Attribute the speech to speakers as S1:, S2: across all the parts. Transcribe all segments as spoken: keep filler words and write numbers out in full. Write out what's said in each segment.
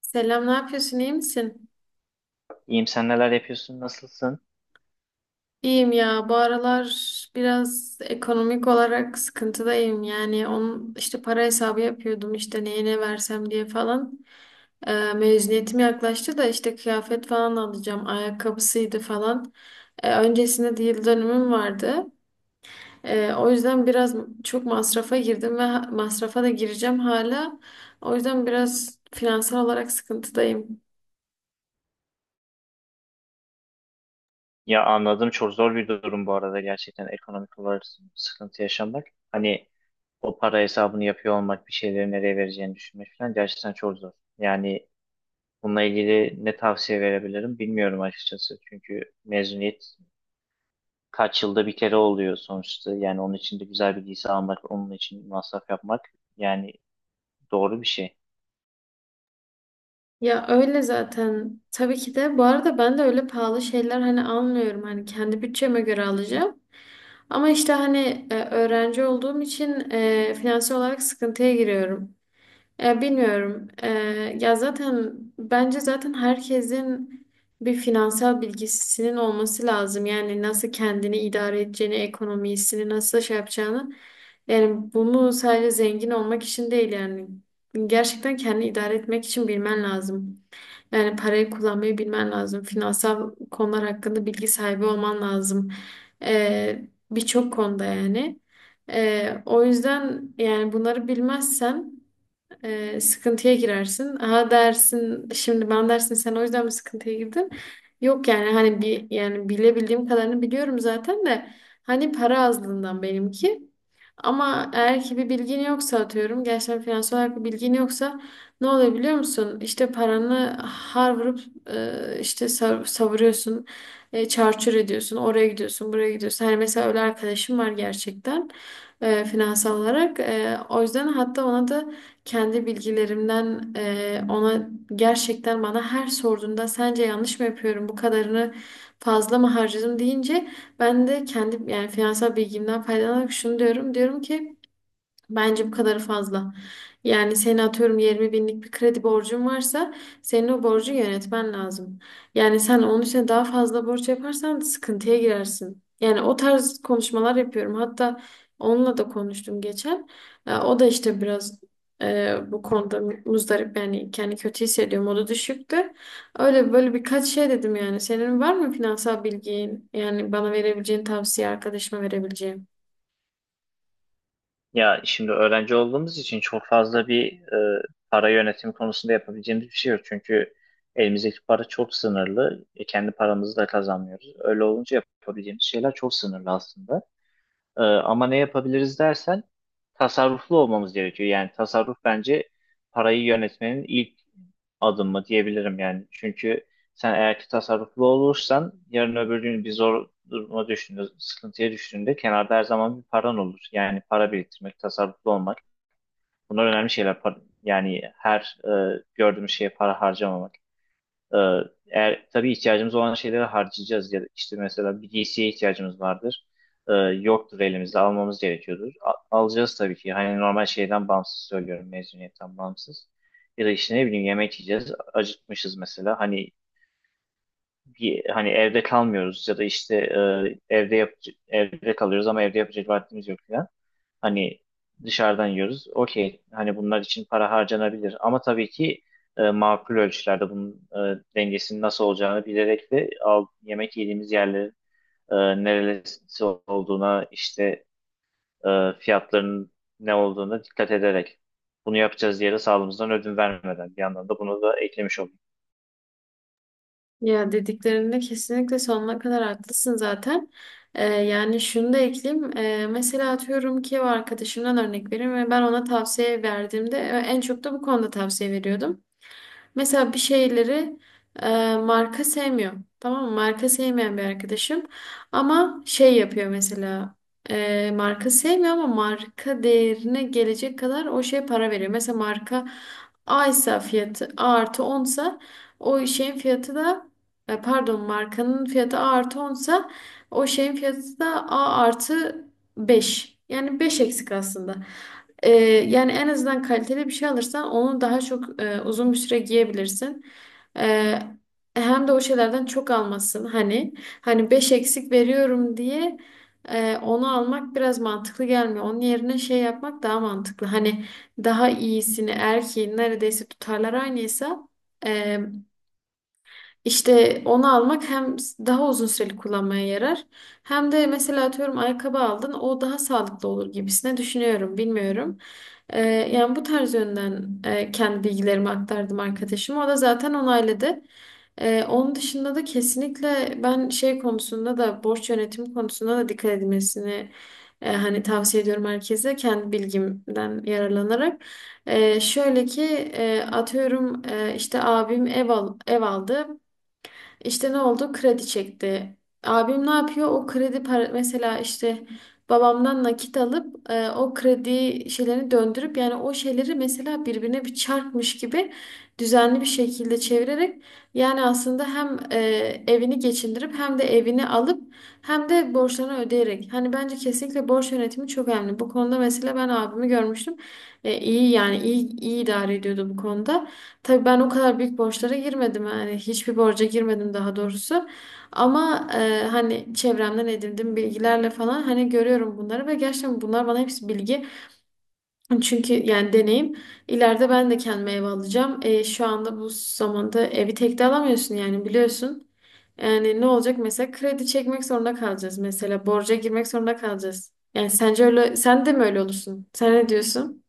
S1: Selam, ne yapıyorsun? İyi misin?
S2: İyiyim sen neler yapıyorsun nasılsın?
S1: İyiyim ya. Bu aralar biraz ekonomik olarak sıkıntıdayım. Yani onun işte para hesabı yapıyordum işte neye ne versem diye falan. Ee, mezuniyetim yaklaştı da işte kıyafet falan alacağım. Ayakkabısıydı falan. Ee, öncesinde de yıl dönümüm vardı. Ee, o yüzden biraz çok masrafa girdim ve ha- masrafa da gireceğim hala. O yüzden biraz finansal olarak sıkıntıdayım.
S2: Ya anladım, çok zor bir durum bu arada gerçekten ekonomik olarak sıkıntı yaşamak. Hani o para hesabını yapıyor olmak, bir şeyleri nereye vereceğini düşünmek falan gerçekten çok zor. Yani bununla ilgili ne tavsiye verebilirim bilmiyorum açıkçası. Çünkü mezuniyet kaç yılda bir kere oluyor sonuçta. Yani onun için de güzel bir giysi almak, onun için masraf yapmak yani doğru bir şey.
S1: Ya öyle zaten. Tabii ki de. Bu arada ben de öyle pahalı şeyler hani almıyorum. Hani kendi bütçeme göre alacağım. Ama işte hani e, öğrenci olduğum için e, finansal olarak sıkıntıya giriyorum. E, bilmiyorum. E, ya zaten bence zaten herkesin bir finansal bilgisinin olması lazım. Yani nasıl kendini idare edeceğini, ekonomisini nasıl şey yapacağını. Yani bunu sadece zengin olmak için değil yani. Gerçekten kendini idare etmek için bilmen lazım. Yani parayı kullanmayı bilmen lazım. Finansal konular hakkında bilgi sahibi olman lazım. Ee, Birçok konuda yani. Ee, o yüzden yani bunları bilmezsen e, sıkıntıya girersin. Ha dersin şimdi ben dersin sen o yüzden mi sıkıntıya girdin? Yok yani hani bir yani bilebildiğim kadarını biliyorum zaten de hani para azlığından benimki. Ama eğer ki bir bilgin yoksa atıyorum gerçekten finansal olarak bir bilgin yoksa ne oluyor biliyor musun? İşte paranı har vurup e, işte sav- savuruyorsun, e, çarçur ediyorsun, oraya gidiyorsun, buraya gidiyorsun. Hani mesela öyle arkadaşım var gerçekten e, finansal olarak. E, o yüzden hatta ona da kendi bilgilerimden e, ona gerçekten bana her sorduğunda sence yanlış mı yapıyorum bu kadarını fazla mı harcadım deyince ben de kendi yani finansal bilgimden faydalanarak şunu diyorum. Diyorum ki bence bu kadarı fazla. Yani seni atıyorum yirmi binlik bir kredi borcun varsa senin o borcu yönetmen lazım. Yani sen onun için daha fazla borç yaparsan sıkıntıya girersin. Yani o tarz konuşmalar yapıyorum. Hatta onunla da konuştum geçen. Ee, O da işte biraz e, bu konuda muzdarip yani kendi kötü hissediyor. Modu düşüktü. Öyle böyle birkaç şey dedim yani. Senin var mı finansal bilgin? Yani bana verebileceğin tavsiye, arkadaşıma verebileceğim.
S2: Ya şimdi öğrenci olduğumuz için çok fazla bir e, para yönetimi konusunda yapabileceğimiz bir şey yok. Çünkü elimizdeki para çok sınırlı. E, kendi paramızı da kazanmıyoruz. Öyle olunca yapabileceğimiz şeyler çok sınırlı aslında. Ee, ama ne yapabiliriz dersen tasarruflu olmamız gerekiyor. Yani tasarruf bence parayı yönetmenin ilk adımı diyebilirim yani. Çünkü sen eğer ki tasarruflu olursan yarın öbür gün bir zor duruma düştüğünde, sıkıntıya düştüğünde kenarda her zaman bir paran olur. Yani para biriktirmek, tasarruflu olmak bunlar önemli şeyler. Par- Yani her e, gördüğümüz şeye para harcamamak. Ee, Eğer tabii ihtiyacımız olan şeyleri harcayacağız ya da işte mesela bir giysiye ihtiyacımız vardır. Ee, yoktur, elimizde almamız gerekiyordur. A- alacağız tabii ki. Hani normal şeyden bağımsız söylüyorum, mezuniyetten bağımsız. Ya da işte ne bileyim yemek yiyeceğiz. Acıkmışız mesela. Hani bir, hani evde kalmıyoruz ya da işte e, evde yap evde kalıyoruz ama evde yapacak vaktimiz yok falan. Hani dışarıdan yiyoruz. Okey. Hani bunlar için para harcanabilir. Ama tabii ki e, makul ölçülerde bunun e, dengesinin nasıl olacağını bilerek ve al, yemek yediğimiz yerlerin e, neresi olduğuna işte e, fiyatlarının ne olduğuna dikkat ederek bunu yapacağız diye de sağlığımızdan ödün vermeden bir yandan da bunu da eklemiş olduk.
S1: Ya dediklerinde kesinlikle sonuna kadar haklısın zaten. Ee, yani şunu da ekleyeyim. Ee, mesela atıyorum ki o arkadaşımdan örnek vereyim ve ben ona tavsiye verdiğimde e, en çok da bu konuda tavsiye veriyordum. Mesela bir şeyleri e, marka sevmiyor. Tamam mı? Marka sevmeyen bir arkadaşım. Ama şey yapıyor mesela. E, marka sevmiyor ama marka değerine gelecek kadar o şeye para veriyor. Mesela marka A ise fiyatı A artı on sa o şeyin fiyatı da e, pardon markanın fiyatı A artı on sa o şeyin fiyatı da A artı beş. Yani beş eksik aslında. Ee, Yani en azından kaliteli bir şey alırsan onu daha çok e, uzun bir süre giyebilirsin. Ee, Hem de o şeylerden çok almasın. Hani hani beş eksik veriyorum diye e, onu almak biraz mantıklı gelmiyor. Onun yerine şey yapmak daha mantıklı. Hani daha iyisini erkeğin neredeyse tutarlar aynıysa e, işte onu almak hem daha uzun süreli kullanmaya yarar hem de mesela atıyorum ayakkabı aldın o daha sağlıklı olur gibisine düşünüyorum bilmiyorum. Ee, yani bu tarz yönden e, kendi bilgilerimi aktardım arkadaşıma o da zaten onayladı. Ee, onun dışında da kesinlikle ben şey konusunda da borç yönetimi konusunda da dikkat edilmesini e, hani tavsiye ediyorum herkese kendi bilgimden yararlanarak. Ee, şöyle ki e, atıyorum e, işte abim ev al, ev aldı. İşte ne oldu? Kredi çekti. Abim ne yapıyor? O kredi para mesela işte babamdan nakit alıp e, o kredi şeylerini döndürüp yani o şeyleri mesela birbirine bir çarpmış gibi düzenli bir şekilde çevirerek yani aslında hem e, evini geçindirip hem de evini alıp hem de borçlarını ödeyerek. Hani bence kesinlikle borç yönetimi çok önemli. Bu konuda mesela ben abimi görmüştüm. E, iyi yani iyi iyi idare ediyordu bu konuda. Tabii ben o kadar büyük borçlara girmedim yani hiçbir borca girmedim daha doğrusu ama e, hani çevremden edindiğim bilgilerle falan hani görüyorum bunları ve gerçekten bunlar bana hepsi bilgi çünkü yani deneyim ileride ben de kendime ev alacağım. E, şu anda bu zamanda evi tek de alamıyorsun yani biliyorsun yani ne olacak mesela kredi çekmek zorunda kalacağız mesela borca girmek zorunda kalacağız yani sence öyle sen de mi öyle olursun sen ne diyorsun?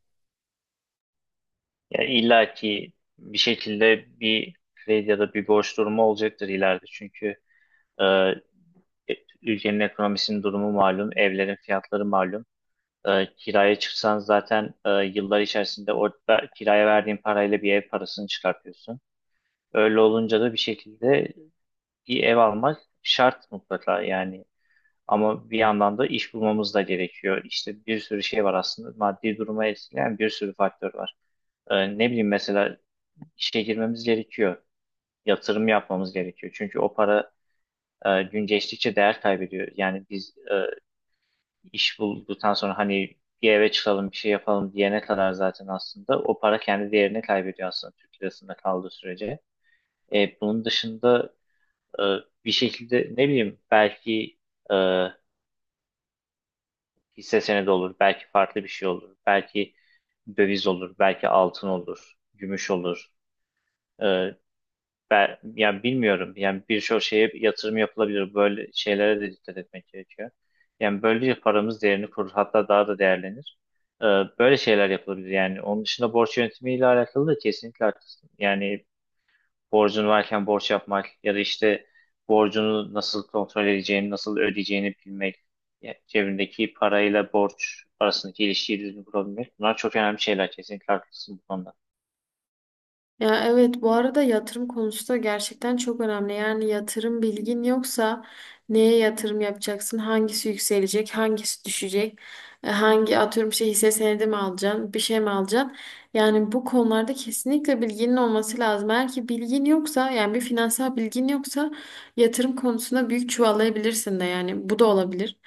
S2: Yani illa ki bir şekilde bir kredi ya da bir borç durumu olacaktır ileride. Çünkü e, E, ülkenin ekonomisinin durumu malum, evlerin fiyatları malum. E, kiraya çıksan zaten e, yıllar içerisinde orada kiraya verdiğin parayla bir ev parasını çıkartıyorsun. Öyle olunca da bir şekilde bir ev almak şart mutlaka yani. Ama bir yandan da iş bulmamız da gerekiyor. İşte bir sürü şey var aslında. Maddi duruma etkileyen bir sürü faktör var. E, ne bileyim mesela işe girmemiz gerekiyor. Yatırım yapmamız gerekiyor. Çünkü o para e, gün geçtikçe değer kaybediyor. Yani biz e, iş bulduktan sonra hani bir eve çıkalım bir şey yapalım diyene kadar zaten aslında o para kendi değerini kaybediyor aslında Türk lirasında kaldığı sürece. E, bunun dışında e, bir şekilde ne bileyim belki e, hisse senedi olur, belki farklı bir şey olur, belki döviz olur, belki altın olur, gümüş olur. E, Ben yani bilmiyorum. Yani birçok şeye yatırım yapılabilir. Böyle şeylere de dikkat etmek gerekiyor. Yani böylece paramız değerini korur. Hatta daha da değerlenir. Ee, Böyle şeyler yapılabilir. Yani onun dışında borç yönetimiyle alakalı da kesinlikle haklısın. Yani borcun varken borç yapmak ya da işte borcunu nasıl kontrol edeceğini, nasıl ödeyeceğini bilmek, yani cebindeki parayla borç arasındaki ilişkiyi düzgün kurabilmek. Bunlar çok önemli şeyler. Kesinlikle haklısın bu konuda.
S1: Ya evet bu arada yatırım konusu da gerçekten çok önemli. Yani yatırım bilgin yoksa neye yatırım yapacaksın? Hangisi yükselecek? Hangisi düşecek? e, Hangi atıyorum şey hisse senedi mi alacaksın? Bir şey mi alacaksın? Yani bu konularda kesinlikle bilginin olması lazım. Eğer ki bilgin yoksa yani bir finansal bilgin yoksa yatırım konusunda büyük çuvallayabilirsin de yani bu da olabilir.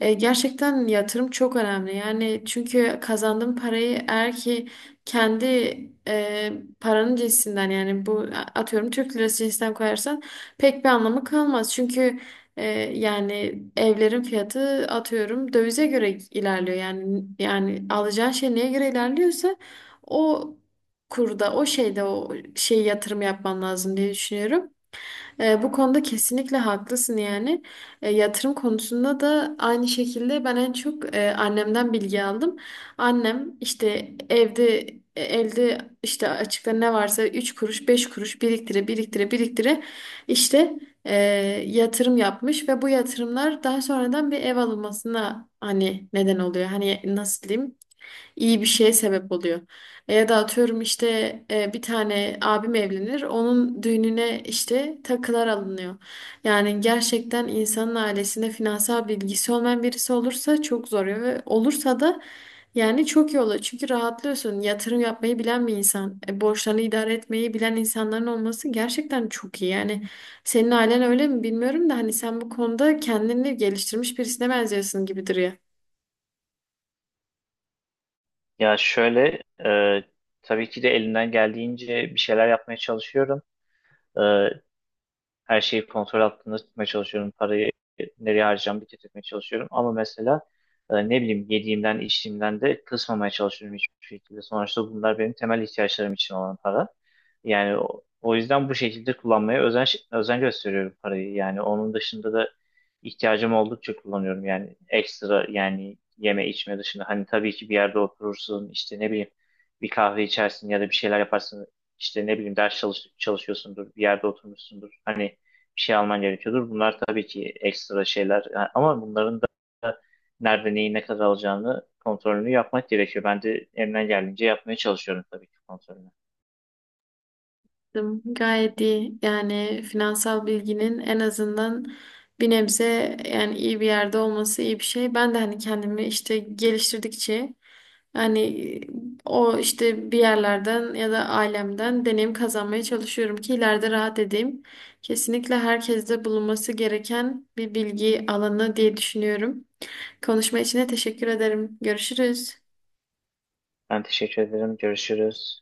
S1: E, gerçekten yatırım çok önemli. Yani çünkü kazandığın parayı eğer ki kendi e, paranın cinsinden yani bu atıyorum Türk lirası cinsinden koyarsan pek bir anlamı kalmaz. Çünkü e, yani evlerin fiyatı atıyorum dövize göre ilerliyor. Yani yani alacağın şey neye göre ilerliyorsa o kurda o şeyde o şey yatırım yapman lazım diye düşünüyorum. E, bu konuda kesinlikle haklısın yani. E, yatırım konusunda da aynı şekilde ben en çok e, annemden bilgi aldım. Annem işte evde e, elde işte açıkta ne varsa üç kuruş beş kuruş biriktire biriktire biriktire işte e, yatırım yapmış ve bu yatırımlar daha sonradan bir ev alınmasına hani neden oluyor. Hani nasıl diyeyim iyi bir şeye sebep oluyor. E, ya da atıyorum işte e, bir tane abim evlenir, onun düğününe işte takılar alınıyor. Yani gerçekten insanın ailesinde finansal bilgisi olmayan birisi olursa çok zor ve olursa da yani çok iyi olur. Çünkü rahatlıyorsun. Yatırım yapmayı bilen bir insan, e, borçlarını idare etmeyi bilen insanların olması gerçekten çok iyi. Yani senin ailen öyle mi bilmiyorum da hani sen bu konuda kendini geliştirmiş birisine benziyorsun gibi duruyor.
S2: Ya şöyle, e, tabii ki de elimden geldiğince bir şeyler yapmaya çalışıyorum. Her şeyi kontrol altında tutmaya çalışıyorum. Parayı nereye harcayacağımı bir tutmaya çalışıyorum. Ama mesela e, ne bileyim yediğimden içtiğimden de kısmamaya çalışıyorum hiçbir şekilde. Sonuçta bunlar benim temel ihtiyaçlarım için olan para. Yani o, o yüzden bu şekilde kullanmaya özen, özen gösteriyorum parayı. Yani onun dışında da ihtiyacım oldukça kullanıyorum. Yani ekstra yani yeme içme dışında. Hani tabii ki bir yerde oturursun, işte ne bileyim bir kahve içersin ya da bir şeyler yaparsın. İşte ne bileyim ders çalış, çalışıyorsundur, bir yerde oturmuşsundur. Hani bir şey alman gerekiyordur. Bunlar tabii ki ekstra şeyler. Yani ama bunların da nerede neyi ne kadar alacağını kontrolünü yapmak gerekiyor. Ben de elimden geldiğince yapmaya çalışıyorum tabii ki kontrolünü.
S1: Anladım. Gayet iyi. Yani finansal bilginin en azından bir nebze yani iyi bir yerde olması iyi bir şey. Ben de hani kendimi işte geliştirdikçe hani o işte bir yerlerden ya da ailemden deneyim kazanmaya çalışıyorum ki ileride rahat edeyim. Kesinlikle herkeste bulunması gereken bir bilgi alanı diye düşünüyorum. Konuşma için de teşekkür ederim. Görüşürüz.
S2: Ben teşekkür ederim. Görüşürüz.